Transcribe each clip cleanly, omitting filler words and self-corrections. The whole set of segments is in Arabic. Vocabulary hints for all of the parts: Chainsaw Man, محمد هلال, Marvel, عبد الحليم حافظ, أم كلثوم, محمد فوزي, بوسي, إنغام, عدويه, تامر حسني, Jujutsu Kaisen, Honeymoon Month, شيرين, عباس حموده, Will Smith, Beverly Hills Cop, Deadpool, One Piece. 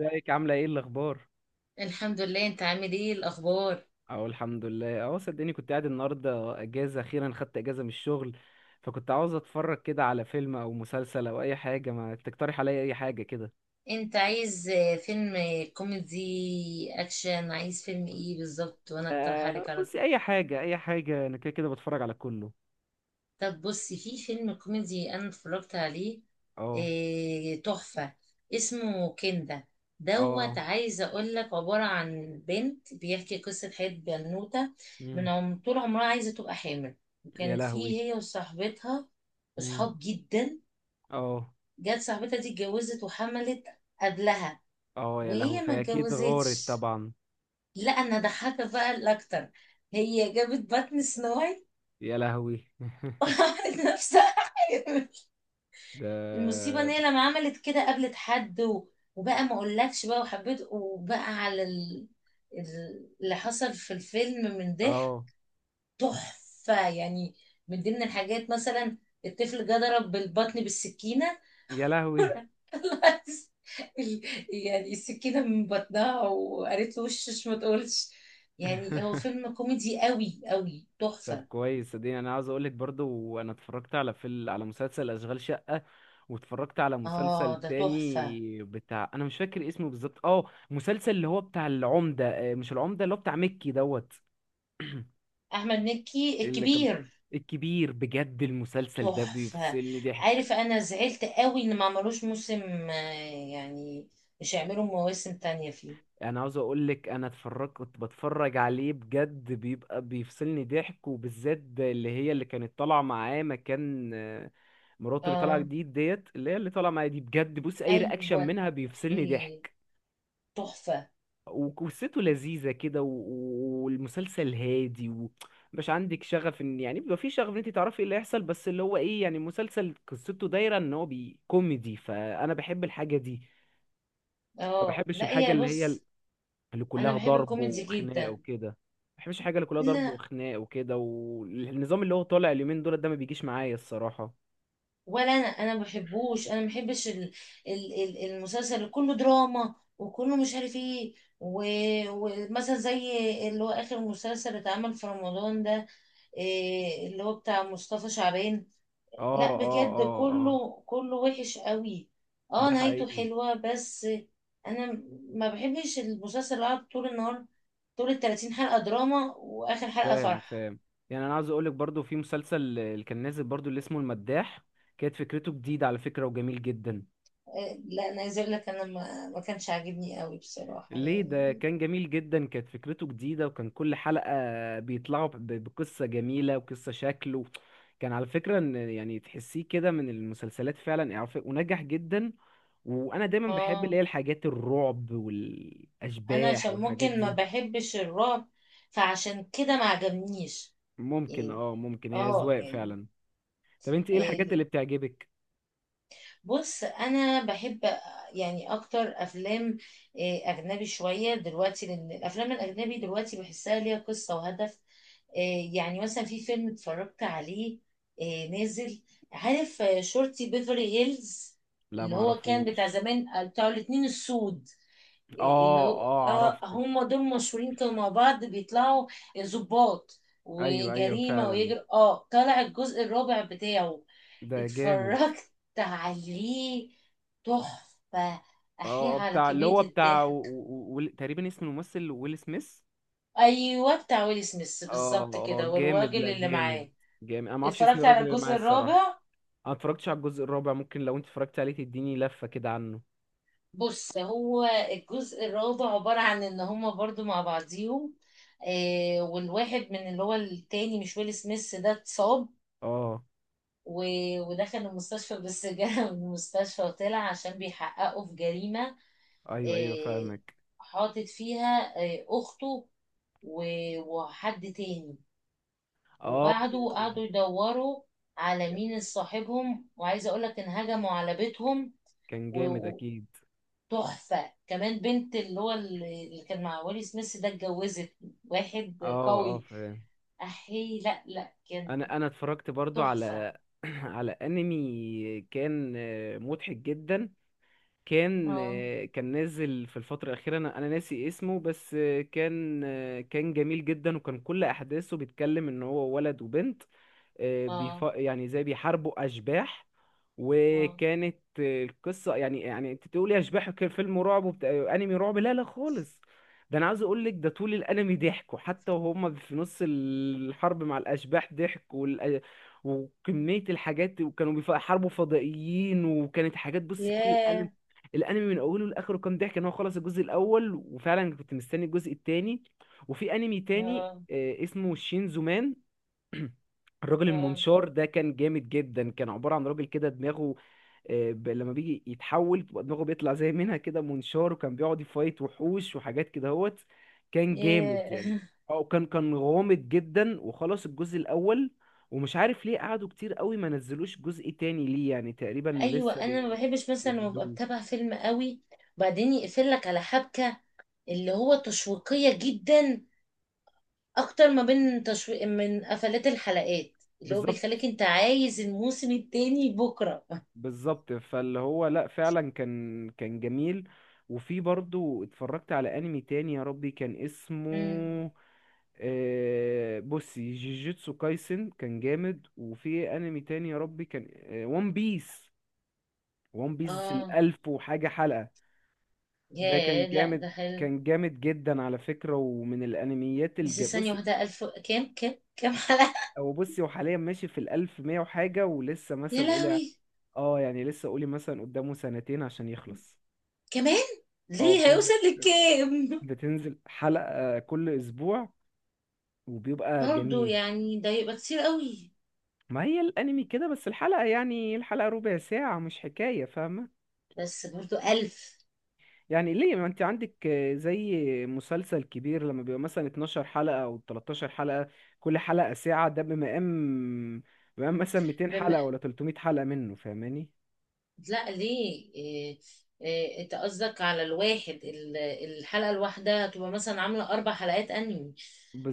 ازيك عاملة ايه الأخبار؟ الحمد لله، انت عامل ايه الاخبار؟ أهو الحمد لله أهو، صدقني كنت قاعد النهاردة أجازة، أخيرا خدت أجازة من الشغل. فكنت عاوز أتفرج كده على فيلم أو مسلسل أو أي حاجة، ما تقترح عليا أي حاجة كده؟ انت عايز فيلم كوميدي اكشن، عايز فيلم ايه بالظبط وانا اقترح آه عليك على طول. بصي، أي حاجة أي حاجة، أنا كده كده بتفرج على كله. طب بصي، في فيلم كوميدي انا اتفرجت عليه، أه. إيه تحفة. اسمه كندا أه دوت، عايزة اقول لك، عبارة عن بنت بيحكي قصة حياة بنوتة من مم. عم طول عمرها عايزة تبقى حامل. يا وكانت لهوي. فيه هي وصاحبتها مم. اصحاب جدا. أه. جت صاحبتها دي اتجوزت وحملت قبلها، أه يا لهوي، وهي ما فهي أكيد غارت اتجوزتش. طبعا. لا، انا ضحكت بقى الاكتر. هي جابت بطن سنو وايت يا لهوي. وعملت نفسها حامل. ده. المصيبه ان هي لما عملت كده قابلت حد وبقى ما اقولكش بقى وحبيت، وبقى على اللي حصل في الفيلم من ضحك. أه تحفه يعني. من ضمن الحاجات مثلا، الطفل جه ضرب بالبطن بالسكينه. يا لهوي. طلعت ال- يعني السكينة من بطنها، وقالت له وشش ما تقولش. يعني هو فيلم كوميدي قوي قوي طب تحفة. كويس، صدقني انا عاوز اقولك برضو، انا اتفرجت على فيلم، على مسلسل اشغال شقة، واتفرجت على مسلسل اه، ده تحفة. تاني بتاع، انا مش فاكر اسمه بالظبط. اه، مسلسل اللي هو بتاع العمدة، مش العمدة، اللي هو بتاع مكي دوت. احمد مكي اللي كان الكبير، الكبير، بجد المسلسل ده تحفة. بيفصلني ضحك. عارف، انا زعلت قوي ان ما عملوش موسم، يعني مش هيعملوا مواسم تانية فيه. انا عاوز اقول لك انا اتفرج، كنت بتفرج عليه بجد بيبقى بيفصلني ضحك، وبالذات اللي هي اللي كانت طالعه معاه مكان مراته، اللي طالعه اه، جديد ديت، اللي هي اللي طالعه معايا دي، بجد بص اي رياكشن ايوه، منها بيفصلني إيه، ضحك. تحفة. وقصته لذيذه كده، والمسلسل هادي، ومش عندك شغف ان يعني بيبقى في شغف ان انت تعرفي ايه اللي هيحصل، بس اللي هو ايه يعني مسلسل قصته دايره ان هو بي كوميدي، فانا بحب الحاجه دي. ما اه، بحبش لا الحاجه هي اللي هي بص، اللي انا كلها بحب ضرب الكوميدي وخناقه جدا. وكده، ما بحبش الحاجه اللي كلها ضرب لا، وخناقه وكده، والنظام اللي هو طالع اليومين دول ده ما بيجيش معايا الصراحه. ولا انا ما بحبوش، انا ما بحبش المسلسل اللي كله دراما وكله مش عارف ايه. و- ومثلا زي اللي هو اخر مسلسل اللي اتعمل في رمضان ده، إيه اللي هو بتاع مصطفى شعبان. اه لا اه بجد، اه. اه كله كله وحش قوي. اه، ده نهايته حقيقي. حلوة بس. انا ما بحبش المسلسل اللي قعد طول النهار، طول ال 30 حلقة دراما واخر حلقة فاهم فرح. فاهم. يعني انا عاوز اقولك برضو في مسلسل اللي كان نازل برضو اللي اسمه المداح، كانت فكرته جديده على فكره وجميل جدا. إيه، لا انا عايزه اقول لك، انا ما كانش عاجبني قوي بصراحة ليه؟ ده يعني. كان جميل جدا، كانت فكرته جديدة، وكان كل حلقة بيطلعوا بقصة جميلة وقصة شكله. كان على فكرة ان يعني تحسيه كده من المسلسلات فعلا إعرافية، ونجح جدا. وانا دايما بحب اه، اللي هي الحاجات الرعب انا والاشباح عشان والحاجات ممكن ما دي. بحبش الرعب، فعشان كده ما عجبنيش ممكن يعني. اه ممكن، هي اه اذواق يعني. فعلا. طب انت ايه آه، الحاجات اللي بتعجبك؟ بص انا بحب يعني اكتر افلام اجنبي شويه دلوقتي، لان الافلام الاجنبي دلوقتي بحسها ليها قصه وهدف. يعني مثلا في فيلم اتفرجت عليه، نازل، عارف شرطي بيفرلي هيلز. لا اللي هو كان بتاع معرفوش. زمان، بتاع الاتنين السود، اللي اه هو اه عرفته. هم دول مشهورين كانوا مع بعض، بيطلعوا ضباط ايوه ايوه وجريمة، فعلا، ويجر طلع الجزء الرابع بتاعه. ده جامد. اتفرجت عليه، تحفة. اه، أحيي على بتاع اللي كمية هو بتاع الضحك. تقريبا اسم الممثل ويل سميث. أيوة، بتاع ويل سميث اه بالظبط اه كده، جامد، والراجل لا اللي جامد معاه. جامد. انا ما اعرفش اسم اتفرجت على الراجل اللي معايا الجزء الصراحه. الرابع. انا اتفرجتش على الجزء الرابع، ممكن لو انت اتفرجت عليه تديني لفه كده عنه. بص، هو الجزء الرابع عبارة عن إن هما برضو مع بعضيهم، والواحد من اللي هو التاني مش ويل سميث ده اتصاب اه و... ودخل المستشفى، بس جه من المستشفى وطلع عشان بيحققوا في جريمة. ايوه ايوه آه، فاهمك. حاطط فيها أخته و- وحد تاني. اه وبعده يعني، قعدوا يدوروا على مين صاحبهم، وعايزة أقولك إن هجموا على بيتهم. كان و- جامد و- اكيد. تحفة، كمان بنت اللي هو اللي كان مع ويلي سميث ده اتجوزت اه واحد اه قوي. فاهم. أحي، لا لا، كان انا اتفرجت برضو تحفة. على على انمي كان مضحك جدا. كان اه، كان نازل في الفترة الأخيرة، أنا ناسي اسمه، بس كان كان جميل جدا، وكان كل أحداثه بيتكلم إن هو ولد وبنت، اه، يعني زي بيحاربوا اشباح. اه، وكانت القصه، يعني انت تقولي اشباح كان فيلم رعب وبتاع انمي رعب، لا لا خالص. ده انا عاوز اقول لك، ده طول الانمي ضحكوا، حتى وهم في نص الحرب مع الاشباح ضحك، وكميه الحاجات، وكانوا بيحاربوا فضائيين، وكانت حاجات. بصي كل الانمي، ياه، الانمي من اوله لاخره كان ضحك، ان هو خلص الجزء الاول وفعلا كنت مستني الجزء التاني. وفي انمي تاني اه، آه، اسمه شينزو مان الراجل اه، المنشار ده كان جامد جدا كان عبارة عن راجل كده دماغه آه، ب- لما بيجي يتحول بتبقى دماغه بيطلع زي منها كده منشار وكان بيقعد يفايت وحوش وحاجات كده هوت كان جامد إيه. يعني اه كان كان غامض جدا وخلص الجزء الأول ومش عارف ليه قعدوا كتير قوي ما نزلوش جزء تاني ليه يعني تقريبا ايوه، لسه انا ما بحبش مثلا لما ابقى بيجددوه بتابع فيلم قوي، وبعدين يقفل لك على حبكه اللي هو تشويقيه جدا، اكتر ما بين تشويق من قفلات الحلقات اللي هو بالظبط بيخليك انت عايز الموسم التاني بكره. بالظبط فاللي هو لا فعلا كان كان جميل وفي برضو اتفرجت على انمي تاني يا ربي كان اسمه امم بصي، جيجيتسو كايسن. كان جامد. وفي انمي تاني يا ربي كان، وان بيس. وان بيس اه، الالف وحاجة حلقة، ده كان يا لا جامد، ده حلو. كان جامد جدا على فكرة، ومن الانميات بس الج. ثانيه بص، واحده، الف كام حلقه؟ او بصي، هو حاليا ماشي في الالف مية وحاجة، ولسه يا مثلا قولي لهوي، يعني لسه، قولي مثلا قدامه سنتين عشان يخلص. كمان اه ليه بتنزل، هيوصل لكام؟ بتنزل حلقة كل اسبوع، وبيبقى برضو جميل. يعني ده يبقى كتير قوي. ما هي الانمي كده، بس الحلقة يعني الحلقة ربع ساعة مش حكاية، فاهمة؟ بس برضو الف، يعني ليه، ما انت عندك زي مسلسل كبير لما بيبقى مثلا 12 حلقة او 13 حلقة، كل حلقة ساعة، ده بمقام بمقام مثلا 200 بما، حلقة ولا 300 حلقة منه، فاهماني؟ لا ليه، إيه انت قصدك على الواحد، الحلقة الواحدة هتبقى مثلا عاملة اربع حلقات انمي.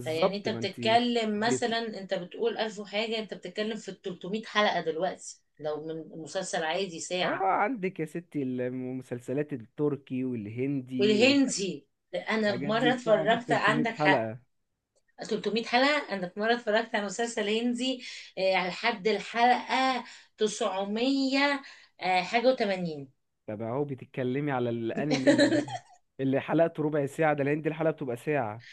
فيعني انت ما انت بتتكلم بيطل... مثلا، انت بتقول الف وحاجة، انت بتتكلم في 300 حلقة دلوقتي لو من مسلسل عادي اه ساعة. عندك يا ستي، المسلسلات التركي والهندي والحاجات والهندي، انا في دي مرة بتقعد بال اتفرجت، 300 عندك حق. حلقة. 300 حلقة، انا في مرة اتفرجت على مسلسل هندي، إيه، على لحد الحلقة 900 حاجة و80. طب اهو بتتكلمي على الانمي اللي اللي حلقته ربع ساعة، ده الهندي الحلقة بتبقى ساعة.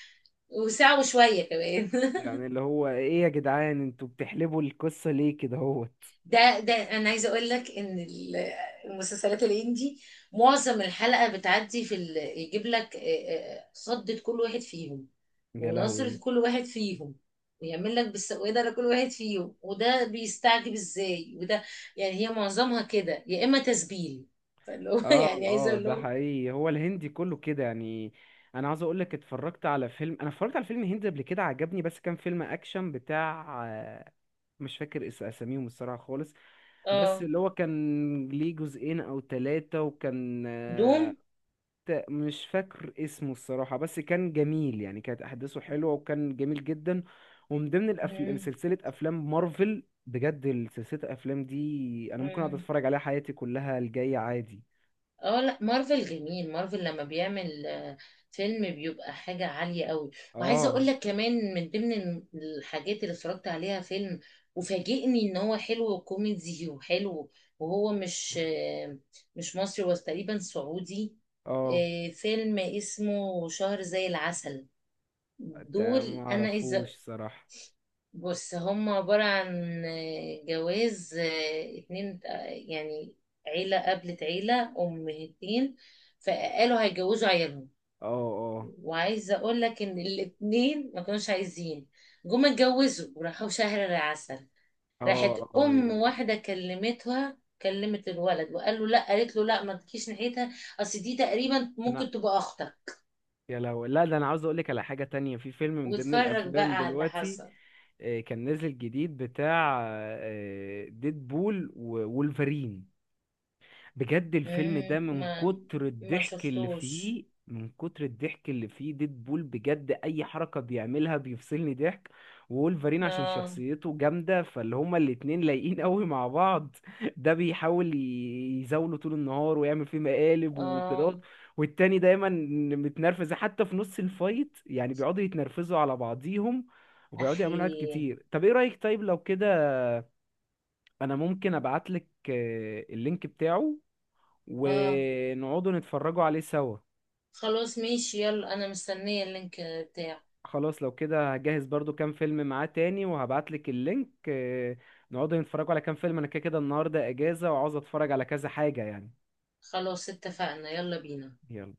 وساعة وشوية كمان. يعني اللي هو ايه يا جدعان، انتوا بتحلبوا القصة ليه كده، هو؟ ده انا عايزه اقول لك ان المسلسلات الهندي، معظم الحلقه بتعدي في يجيب لك، صدة كل واحد فيهم، يا ونظرة لهوي كل واحد فيهم، ويعمل لك بالسوادة لكل واحد فيهم، وده بيستعجب ازاي وده، يعني هي معظمها كده يا اما تسبيل، فاللي هو اه يعني عايزه اه اقول ده لهم. حقيقي، هو الهندي كله كده يعني. انا عاوز اقول لك اتفرجت على فيلم، انا اتفرجت على فيلم هندي قبل كده عجبني، بس كان فيلم اكشن بتاع مش فاكر اساميهم الصراحة خالص. بس اه، اللي هو كان ليه جزئين او ثلاثة، وكان دوم. مش فاكر اسمه الصراحة، بس كان جميل يعني، كانت احداثه حلوة وكان جميل جدا. ومن ضمن الافلام مم. سلسلة افلام مارفل، بجد سلسلة الافلام دي انا ممكن اقعد مم. اتفرج عليها حياتي كلها الجاية عادي. اه، لا مارفل جميل، مارفل لما بيعمل فيلم بيبقى حاجة عالية قوي. وعايزة اقول اه لك كمان، من ضمن الحاجات اللي اتفرجت عليها فيلم، وفاجئني ان هو حلو وكوميدي وحلو، وهو مش مصري، هو تقريبا سعودي. اه فيلم اسمه شهر زي العسل، ده دول ما انا اعرفوش عايزة، صراحة. بص هم عبارة عن جواز اتنين، يعني عيلة قابلت عيلة أمهتين، فقالوا هيجوزوا عيالهم. اه اه وعايزة أقول لك إن الاتنين ما كانوش عايزين، جم اتجوزوا وراحوا شهر العسل. اه راحت اه أم أيوه. واحدة، كلمتها كلمت الولد، وقال له لا، قالت له لا ما تجيش ناحيتها، أصل دي تقريبا انا ممكن تبقى أختك. يا لو لا، ده انا عاوز اقول لك على حاجة تانية، في فيلم من ضمن واتفرج الافلام بقى على اللي دلوقتي حصل. كان نازل جديد بتاع ديد بول وولفرين. بجد الفيلم ده، مم، من ما كتر ما الضحك اللي شفتوش. فيه، من كتر الضحك اللي فيه، ديدبول بجد اي حركة بيعملها بيفصلني ضحك، وولفرين عشان اه، شخصيته جامدة، فاللي هما الاتنين لايقين قوي مع بعض. ده بيحاول يزاوله طول النهار ويعمل فيه مقالب اه، وكده، والتاني دايما متنرفز، حتى في نص الفايت يعني بيقعدوا يتنرفزوا على بعضيهم، وبيقعدوا يعملوا حاجات احيه، كتير. طب ايه رأيك، طيب لو كده، انا ممكن ابعتلك اللينك بتاعه، اه، ونقعدوا نتفرجوا عليه سوا. خلاص ماشي، يلا انا مستنية اللينك بتاعه. خلاص، لو كده هجهز برضو كام فيلم معاه تاني، وهبعتلك اللينك. نقعدوا نتفرجوا على كام فيلم، انا كده كده النهارده اجازة، وعاوز اتفرج على كذا حاجة يعني. خلاص اتفقنا، يلا بينا. يلا.